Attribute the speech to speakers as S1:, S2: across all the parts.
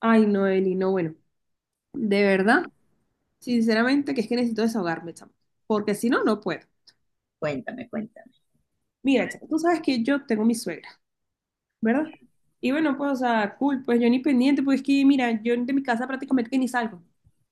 S1: Ay, no, Eli, no, bueno, de verdad, sinceramente que es que necesito desahogarme, chamo, porque si no, no puedo.
S2: Cuéntame, cuéntame.
S1: Mira, chamo, tú sabes que yo tengo mi suegra, ¿verdad? Y bueno, pues, o sea, cool, pues yo ni pendiente, pues es que, mira, yo de mi casa prácticamente que ni salgo.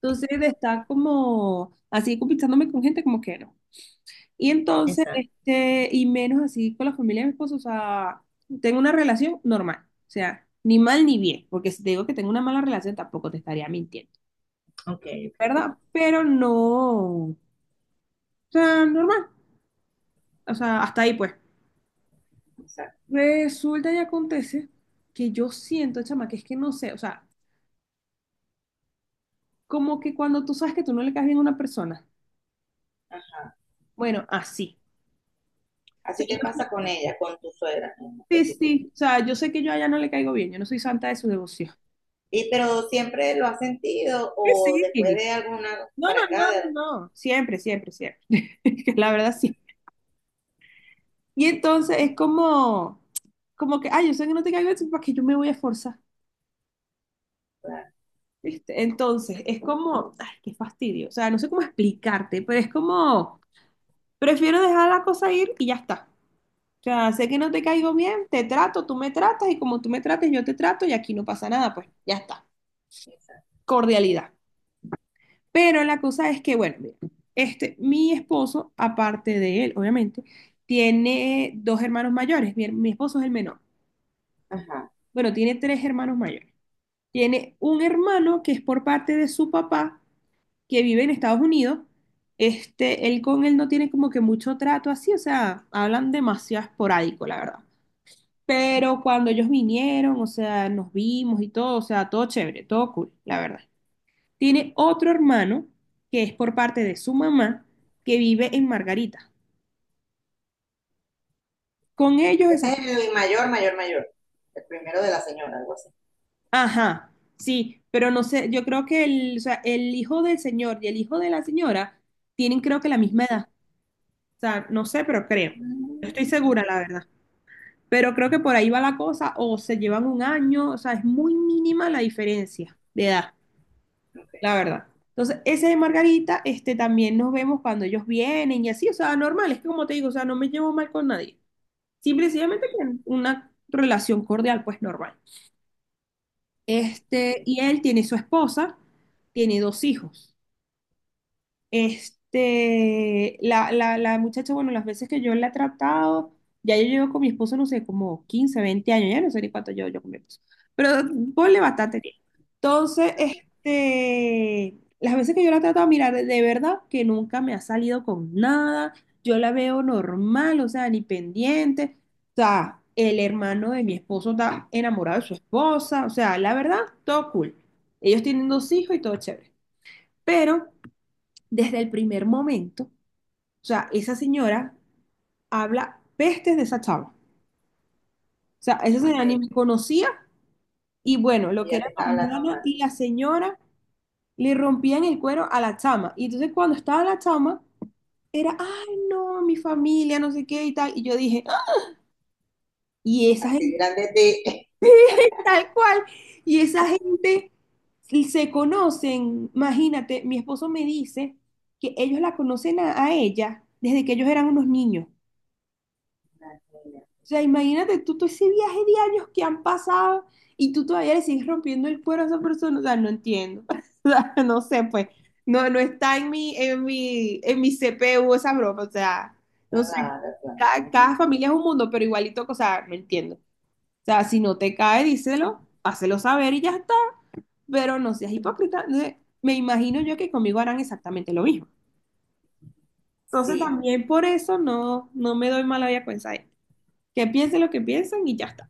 S1: Entonces, de estar como así compitiéndome con gente, como que no. Y entonces,
S2: Exacto.
S1: y menos así con la familia de mi esposo, o sea, tengo una relación normal, o sea, ni mal ni bien, porque si te digo que tengo una mala relación, tampoco te estaría mintiendo.
S2: Ok, ok.
S1: ¿Verdad? Pero no. O sea, normal. O sea, hasta ahí pues.
S2: Exacto.
S1: Resulta y acontece que yo siento, chama, que es que no sé, o sea, como que cuando tú sabes que tú no le caes bien a una persona,
S2: Ah,
S1: bueno, así. O sea,
S2: así te pasa con ella, con tu suegra en
S1: sí,
S2: específico.
S1: sí, o sea, yo sé que yo a ella no le caigo bien, yo no soy santa de su devoción.
S2: Y pero siempre lo has sentido o
S1: Sí,
S2: después
S1: sí.
S2: de alguna
S1: No,
S2: para acá
S1: no,
S2: de
S1: no, no, no. Siempre, siempre, siempre. Que la verdad, sí. Y entonces es como, como que, ay, yo sé que no te caigo bien, entonces, ¿para que yo me voy a forzar?
S2: claro,
S1: ¿Viste? Entonces, es como, ay, qué fastidio. O sea, no sé cómo explicarte, pero es como... Prefiero dejar la cosa ir y ya está. O sea, sé que no te caigo bien, te trato, tú me tratas y como tú me trates, yo te trato y aquí no pasa nada, pues ya está.
S2: exacto.
S1: Cordialidad. Pero la cosa es que, bueno, mira, mi esposo, aparte de él, obviamente, tiene dos hermanos mayores. Mi esposo es el menor.
S2: Ajá.
S1: Bueno, tiene tres hermanos mayores. Tiene un hermano que es por parte de su papá, que vive en Estados Unidos. Él con él no tiene como que mucho trato así, o sea, hablan demasiado esporádico, la verdad. Pero cuando ellos vinieron, o sea, nos vimos y todo, o sea, todo chévere, todo cool, la verdad. Tiene otro hermano que es por parte de su mamá que vive en Margarita. Con ellos esa...
S2: Ese es el mayor, mayor, mayor. El primero de la señora, algo así.
S1: Ajá, sí, pero no sé, yo creo que el hijo del señor y el hijo de la señora tienen creo que la misma edad. O sea, no sé, pero creo.
S2: Mm,
S1: No estoy segura,
S2: ok,
S1: la verdad. Pero creo que por ahí va la cosa, o se llevan un año, o sea, es muy mínima la diferencia de edad.
S2: ok,
S1: La verdad. Entonces, ese de Margarita, también nos vemos cuando ellos vienen y así, o sea, normal, es que como te digo, o sea, no me llevo mal con nadie. Simple y sencillamente que una relación cordial, pues normal. Este,
S2: ok,
S1: y él tiene su esposa, tiene dos hijos. Este, la muchacha, bueno, las veces que yo la he tratado, ya yo llevo con mi esposo, no sé, como 15 20 años, ya no sé ni cuánto llevo yo con mi esposo, pero ponle bastante tiempo. Entonces, las veces que yo la he tratado, mira, de verdad que nunca me ha salido con nada, yo la veo normal, o sea, ni pendiente, o sea, el hermano de mi esposo está enamorado de su esposa, o sea, la verdad, todo cool. Ellos tienen dos hijos y todo chévere, pero desde el primer momento, o sea, esa señora habla pestes de esa chava. O sea, esa señora ni
S2: ok.
S1: me conocía y bueno, lo
S2: Y
S1: que
S2: ya
S1: era
S2: te está
S1: la
S2: hablando
S1: hermana
S2: más.
S1: y la señora le rompían el cuero a la chama. Y entonces cuando estaba la chama, era, ay, no, mi familia, no sé qué y tal. Y yo dije, "Ah, y esa
S2: Así
S1: gente
S2: dirán de ti.
S1: tal cual, y esa gente se conocen, imagínate, mi esposo me dice que ellos la conocen a ella desde que ellos eran unos niños.
S2: La niña.
S1: O sea, imagínate tú todo ese viaje de años que han pasado y tú todavía le sigues rompiendo el cuero a esa persona. O sea, no entiendo. O sea, no sé, pues. No, no está en mi CPU esa broma. O sea, no sé.
S2: Claro, claro.
S1: Cada familia es un mundo, pero igualito, o sea, no entiendo. O sea, si no te cae, díselo, hácelo saber y ya está. Pero no seas hipócrita. No sé, me imagino yo que conmigo harán exactamente lo mismo. Entonces
S2: Sí,
S1: también por eso no, no me doy mala vida con esa gente. Que piensen lo que piensan y ya está.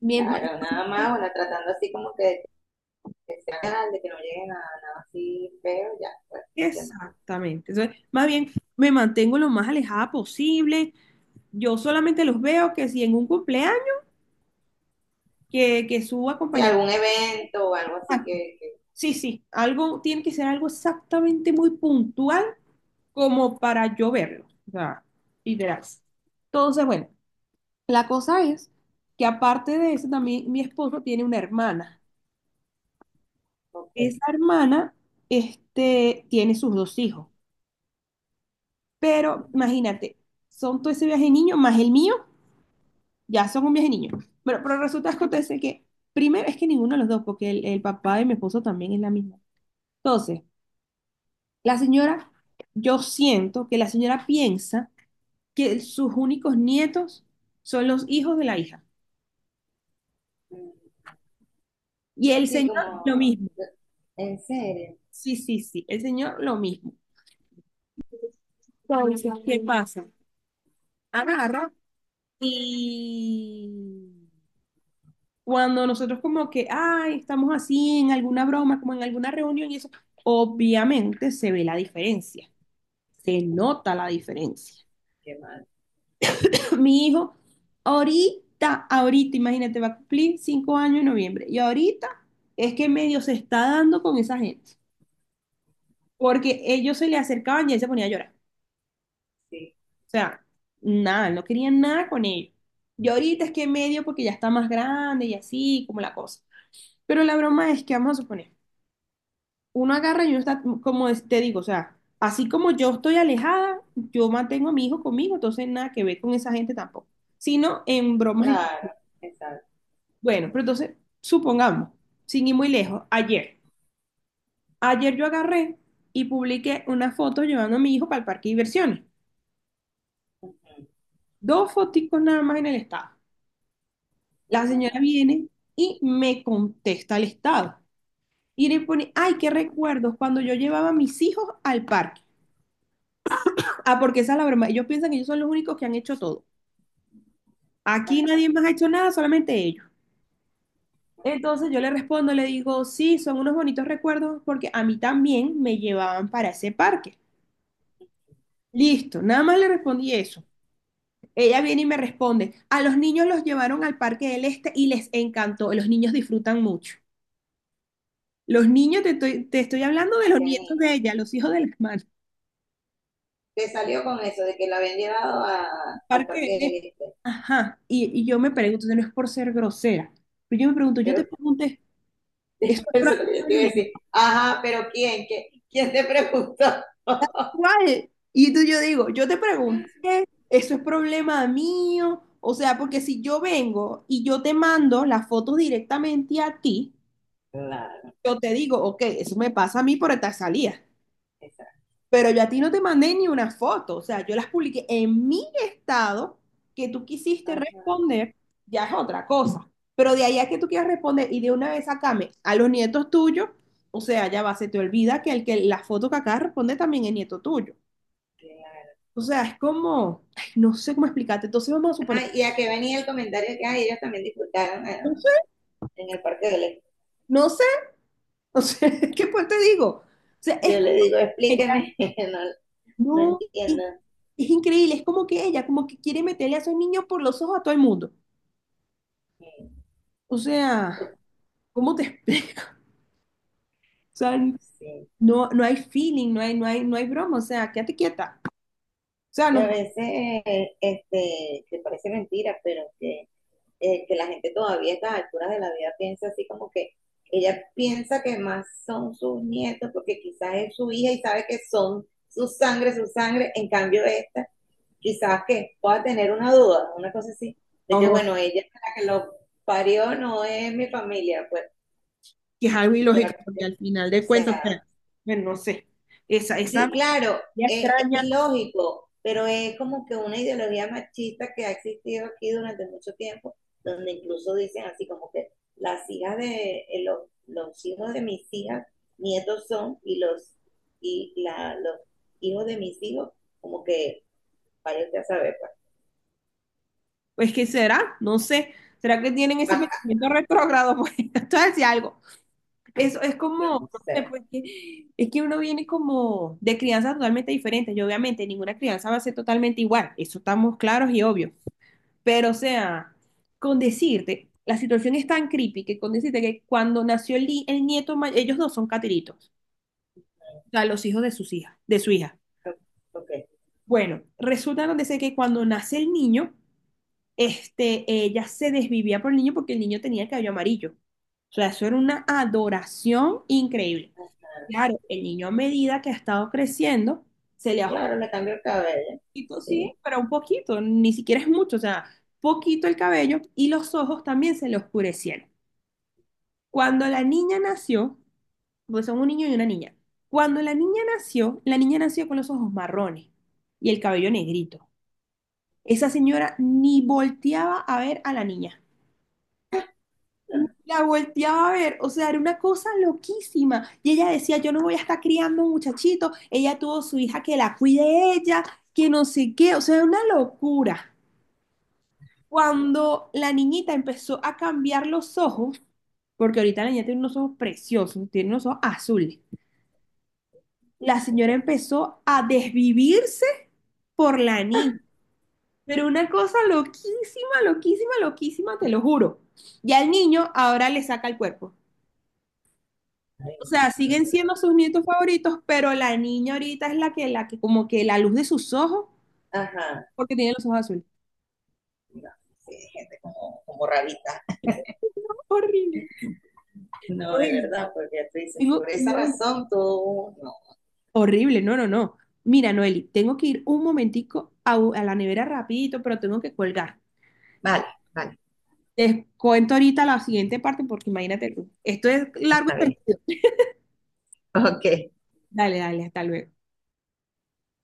S1: Mien-
S2: claro, nada más, bueno, tratando así como que canal, de que no lleguen a nada así feo, ya, pues, ¿qué más?
S1: Exactamente. Entonces, más bien me mantengo lo más alejada posible. Yo solamente los veo que si en un cumpleaños, que su
S2: Si
S1: acompañamiento.
S2: algún evento o algo así
S1: Exacto.
S2: que
S1: Sí, sí, algo tiene que ser algo exactamente muy puntual como para yo verlo. O sea, literal. Entonces, bueno, la cosa es que aparte de eso, también mi esposo tiene una hermana.
S2: ok.
S1: Esa hermana, tiene sus dos hijos. Pero imagínate, son todo ese viaje de niños más el mío. Ya son un viaje niño. Bueno, pero resulta que acontece que, primero, es que ninguno de los dos, porque el papá de mi esposo también es la misma. Entonces, la señora, yo siento que la señora piensa que sus únicos nietos son los hijos de la hija.
S2: Mm,
S1: Y el
S2: sí,
S1: señor, lo
S2: como,
S1: mismo.
S2: en serio,
S1: Sí, sí, sí, el señor, lo mismo. Entonces, ¿qué pasa? Agarra y cuando nosotros como que, ay, estamos así en alguna broma, como en alguna reunión y eso, obviamente se ve la diferencia. Se nota la diferencia.
S2: qué mal,
S1: Mi hijo, ahorita, ahorita, imagínate, va a cumplir 5 años en noviembre. Y ahorita es que medio se está dando con esa gente. Porque ellos se le acercaban y él se ponía a llorar.
S2: sí,
S1: O sea, nada, no querían nada con ellos. Y ahorita es que medio porque ya está más grande y así, como la cosa. Pero la broma es que vamos a suponer. Uno agarra y uno está, como te digo, o sea, así como yo estoy alejada, yo mantengo a mi hijo conmigo, entonces nada que ver con esa gente tampoco, sino en bromas.
S2: claro, exacto.
S1: Bueno, pero entonces, supongamos, sin ir muy lejos, ayer, ayer yo agarré y publiqué una foto llevando a mi hijo para el parque de diversiones, dos foticos nada más en el estado. La señora viene y me contesta el estado. Y le pone, ay, qué recuerdos cuando yo llevaba a mis hijos al parque. Ah, porque esa es la broma. Ellos piensan que ellos son los únicos que han hecho todo. Aquí
S2: Ah,
S1: nadie más ha hecho nada, solamente ellos. Entonces yo le respondo, le digo, sí, son unos bonitos recuerdos porque a mí también me llevaban para ese parque. Listo, nada más le respondí eso. Ella viene y me responde, a los niños los llevaron al Parque del Este y les encantó, los niños disfrutan mucho. Los niños, te estoy hablando de
S2: ¿a
S1: los
S2: qué
S1: nietos
S2: niño?
S1: de ella, los hijos del hermano,
S2: Te salió con eso de que la habían llevado a- al
S1: Parque del
S2: Parque del
S1: Este.
S2: Este.
S1: Ajá, y yo me pregunto, no es por ser grosera, pero yo me pregunto, yo
S2: Pero
S1: te pregunté, ¿eso es
S2: eso es lo que yo te iba a
S1: probable?
S2: decir. Ajá, pero ¿quién? ¿Qué- ¿quién te preguntó?
S1: ¿Cuál? Y tú, yo digo, yo te pregunté, eso es problema mío. O sea, porque si yo vengo y yo te mando las fotos directamente a ti,
S2: Claro,
S1: yo te digo, ok, eso me pasa a mí por esta salida.
S2: exacto.
S1: Pero yo a ti no te mandé ni una foto. O sea, yo las publiqué en mi estado, que tú quisiste
S2: Ajá,
S1: responder, ya es otra cosa. Pero de ahí a que tú quieras responder y de una vez sacame a los nietos tuyos, o sea, ya va, se te olvida que el que la foto que acá responde también es nieto tuyo.
S2: qué
S1: O sea, es como, ay, no sé cómo explicarte. Entonces vamos a suponer,
S2: ajá, y ¿a qué venía el comentario que ay, ellos también disfrutaron?
S1: no sé,
S2: En el parque
S1: no sé, o sea, ¿qué pues te digo? O sea, es
S2: yo le
S1: como
S2: digo,
S1: que ella
S2: explíqueme. No, no
S1: no, es,
S2: entiendo.
S1: es increíble, es como que ella, como que quiere meterle a esos niños por los ojos a todo el mundo. O sea,
S2: Porque,
S1: ¿cómo te explico? O sea,
S2: sí.
S1: no, no hay feeling, no hay, no hay, no hay broma, o sea, quédate quieta. O sea,
S2: Y a
S1: no,
S2: veces, que parece mentira, pero que la gente todavía a estas alturas de la vida piensa así como que ella piensa que más son sus nietos porque quizás es su hija y sabe que son su sangre, en cambio esta, quizás que pueda tener una duda, una cosa así, de que
S1: no,
S2: bueno, ella es la que lo parió, no es mi familia, pues,
S1: que es algo
S2: será
S1: ilógico,
S2: que,
S1: porque al final
S2: o
S1: de cuentas, o sea,
S2: sea,
S1: bueno, no sé, esa
S2: sí,
S1: mentalidad
S2: claro, es
S1: extraña.
S2: ilógico, pero es como que una ideología machista que ha existido aquí durante mucho tiempo, donde incluso dicen así como que las hijas de los hijos de mis hijas, nietos son, y los y la, los hijos de mis hijos, como que parece a saber, pues.
S1: Es que será, no sé. ¿Será que tienen
S2: Ah,
S1: ese
S2: ah,
S1: pensamiento retrógrado? Pues esto decía algo. Eso es
S2: no,
S1: como,
S2: no
S1: no sé,
S2: sé.
S1: pues que, es que uno viene como de crianza totalmente diferente. Y obviamente ninguna crianza va a ser totalmente igual. Eso estamos claros y obvios. Pero o sea, con decirte, la situación es tan creepy que con decirte que cuando nació el nieto, ellos dos son catiritos. O sea, los hijos de sus hijas, de su hija.
S2: No, no, ok,
S1: Bueno, resulta donde sé que cuando nace el niño, ella se desvivía por el niño porque el niño tenía el cabello amarillo. O sea, eso era una adoración increíble. Claro, el niño a medida que ha estado creciendo, se le ha
S2: claro, le cambio el cabello.
S1: oscurecido, sí,
S2: Sí.
S1: pero un poquito, ni siquiera es mucho, o sea, poquito el cabello y los ojos también se le oscurecieron. Cuando la niña nació, pues son un niño y una niña. Cuando la niña nació con los ojos marrones y el cabello negrito. Esa señora ni volteaba a ver a la niña. La volteaba a ver, o sea, era una cosa loquísima. Y ella decía, yo no voy a estar criando un muchachito, ella tuvo su hija que la cuide ella, que no sé qué, o sea, era una locura. Cuando la niñita empezó a cambiar los ojos, porque ahorita la niña tiene unos ojos preciosos, tiene unos ojos azules, la señora empezó a desvivirse por la niña. Pero una cosa loquísima, loquísima, loquísima, te lo juro. Ya el niño ahora le saca el cuerpo. O
S2: Ay,
S1: sea,
S2: no
S1: siguen
S2: creo.
S1: siendo sus nietos favoritos, pero la niña ahorita es como que la luz de sus ojos,
S2: Ajá,
S1: porque tiene los ojos azules.
S2: no, sí, gente como, como rarita.
S1: Horrible.
S2: No, de
S1: Noeli,
S2: verdad, porque tú dices, por esa
S1: Noeli,
S2: razón tú no.
S1: horrible, no, no, no. Mira, Noeli, tengo que ir un momentico a la nevera rapidito, pero tengo que colgar.
S2: Vale, vale,
S1: Te cuento ahorita la siguiente parte porque imagínate tú. Esto es largo
S2: está
S1: y
S2: bien.
S1: tendido.
S2: Ok.
S1: Dale, dale, hasta luego.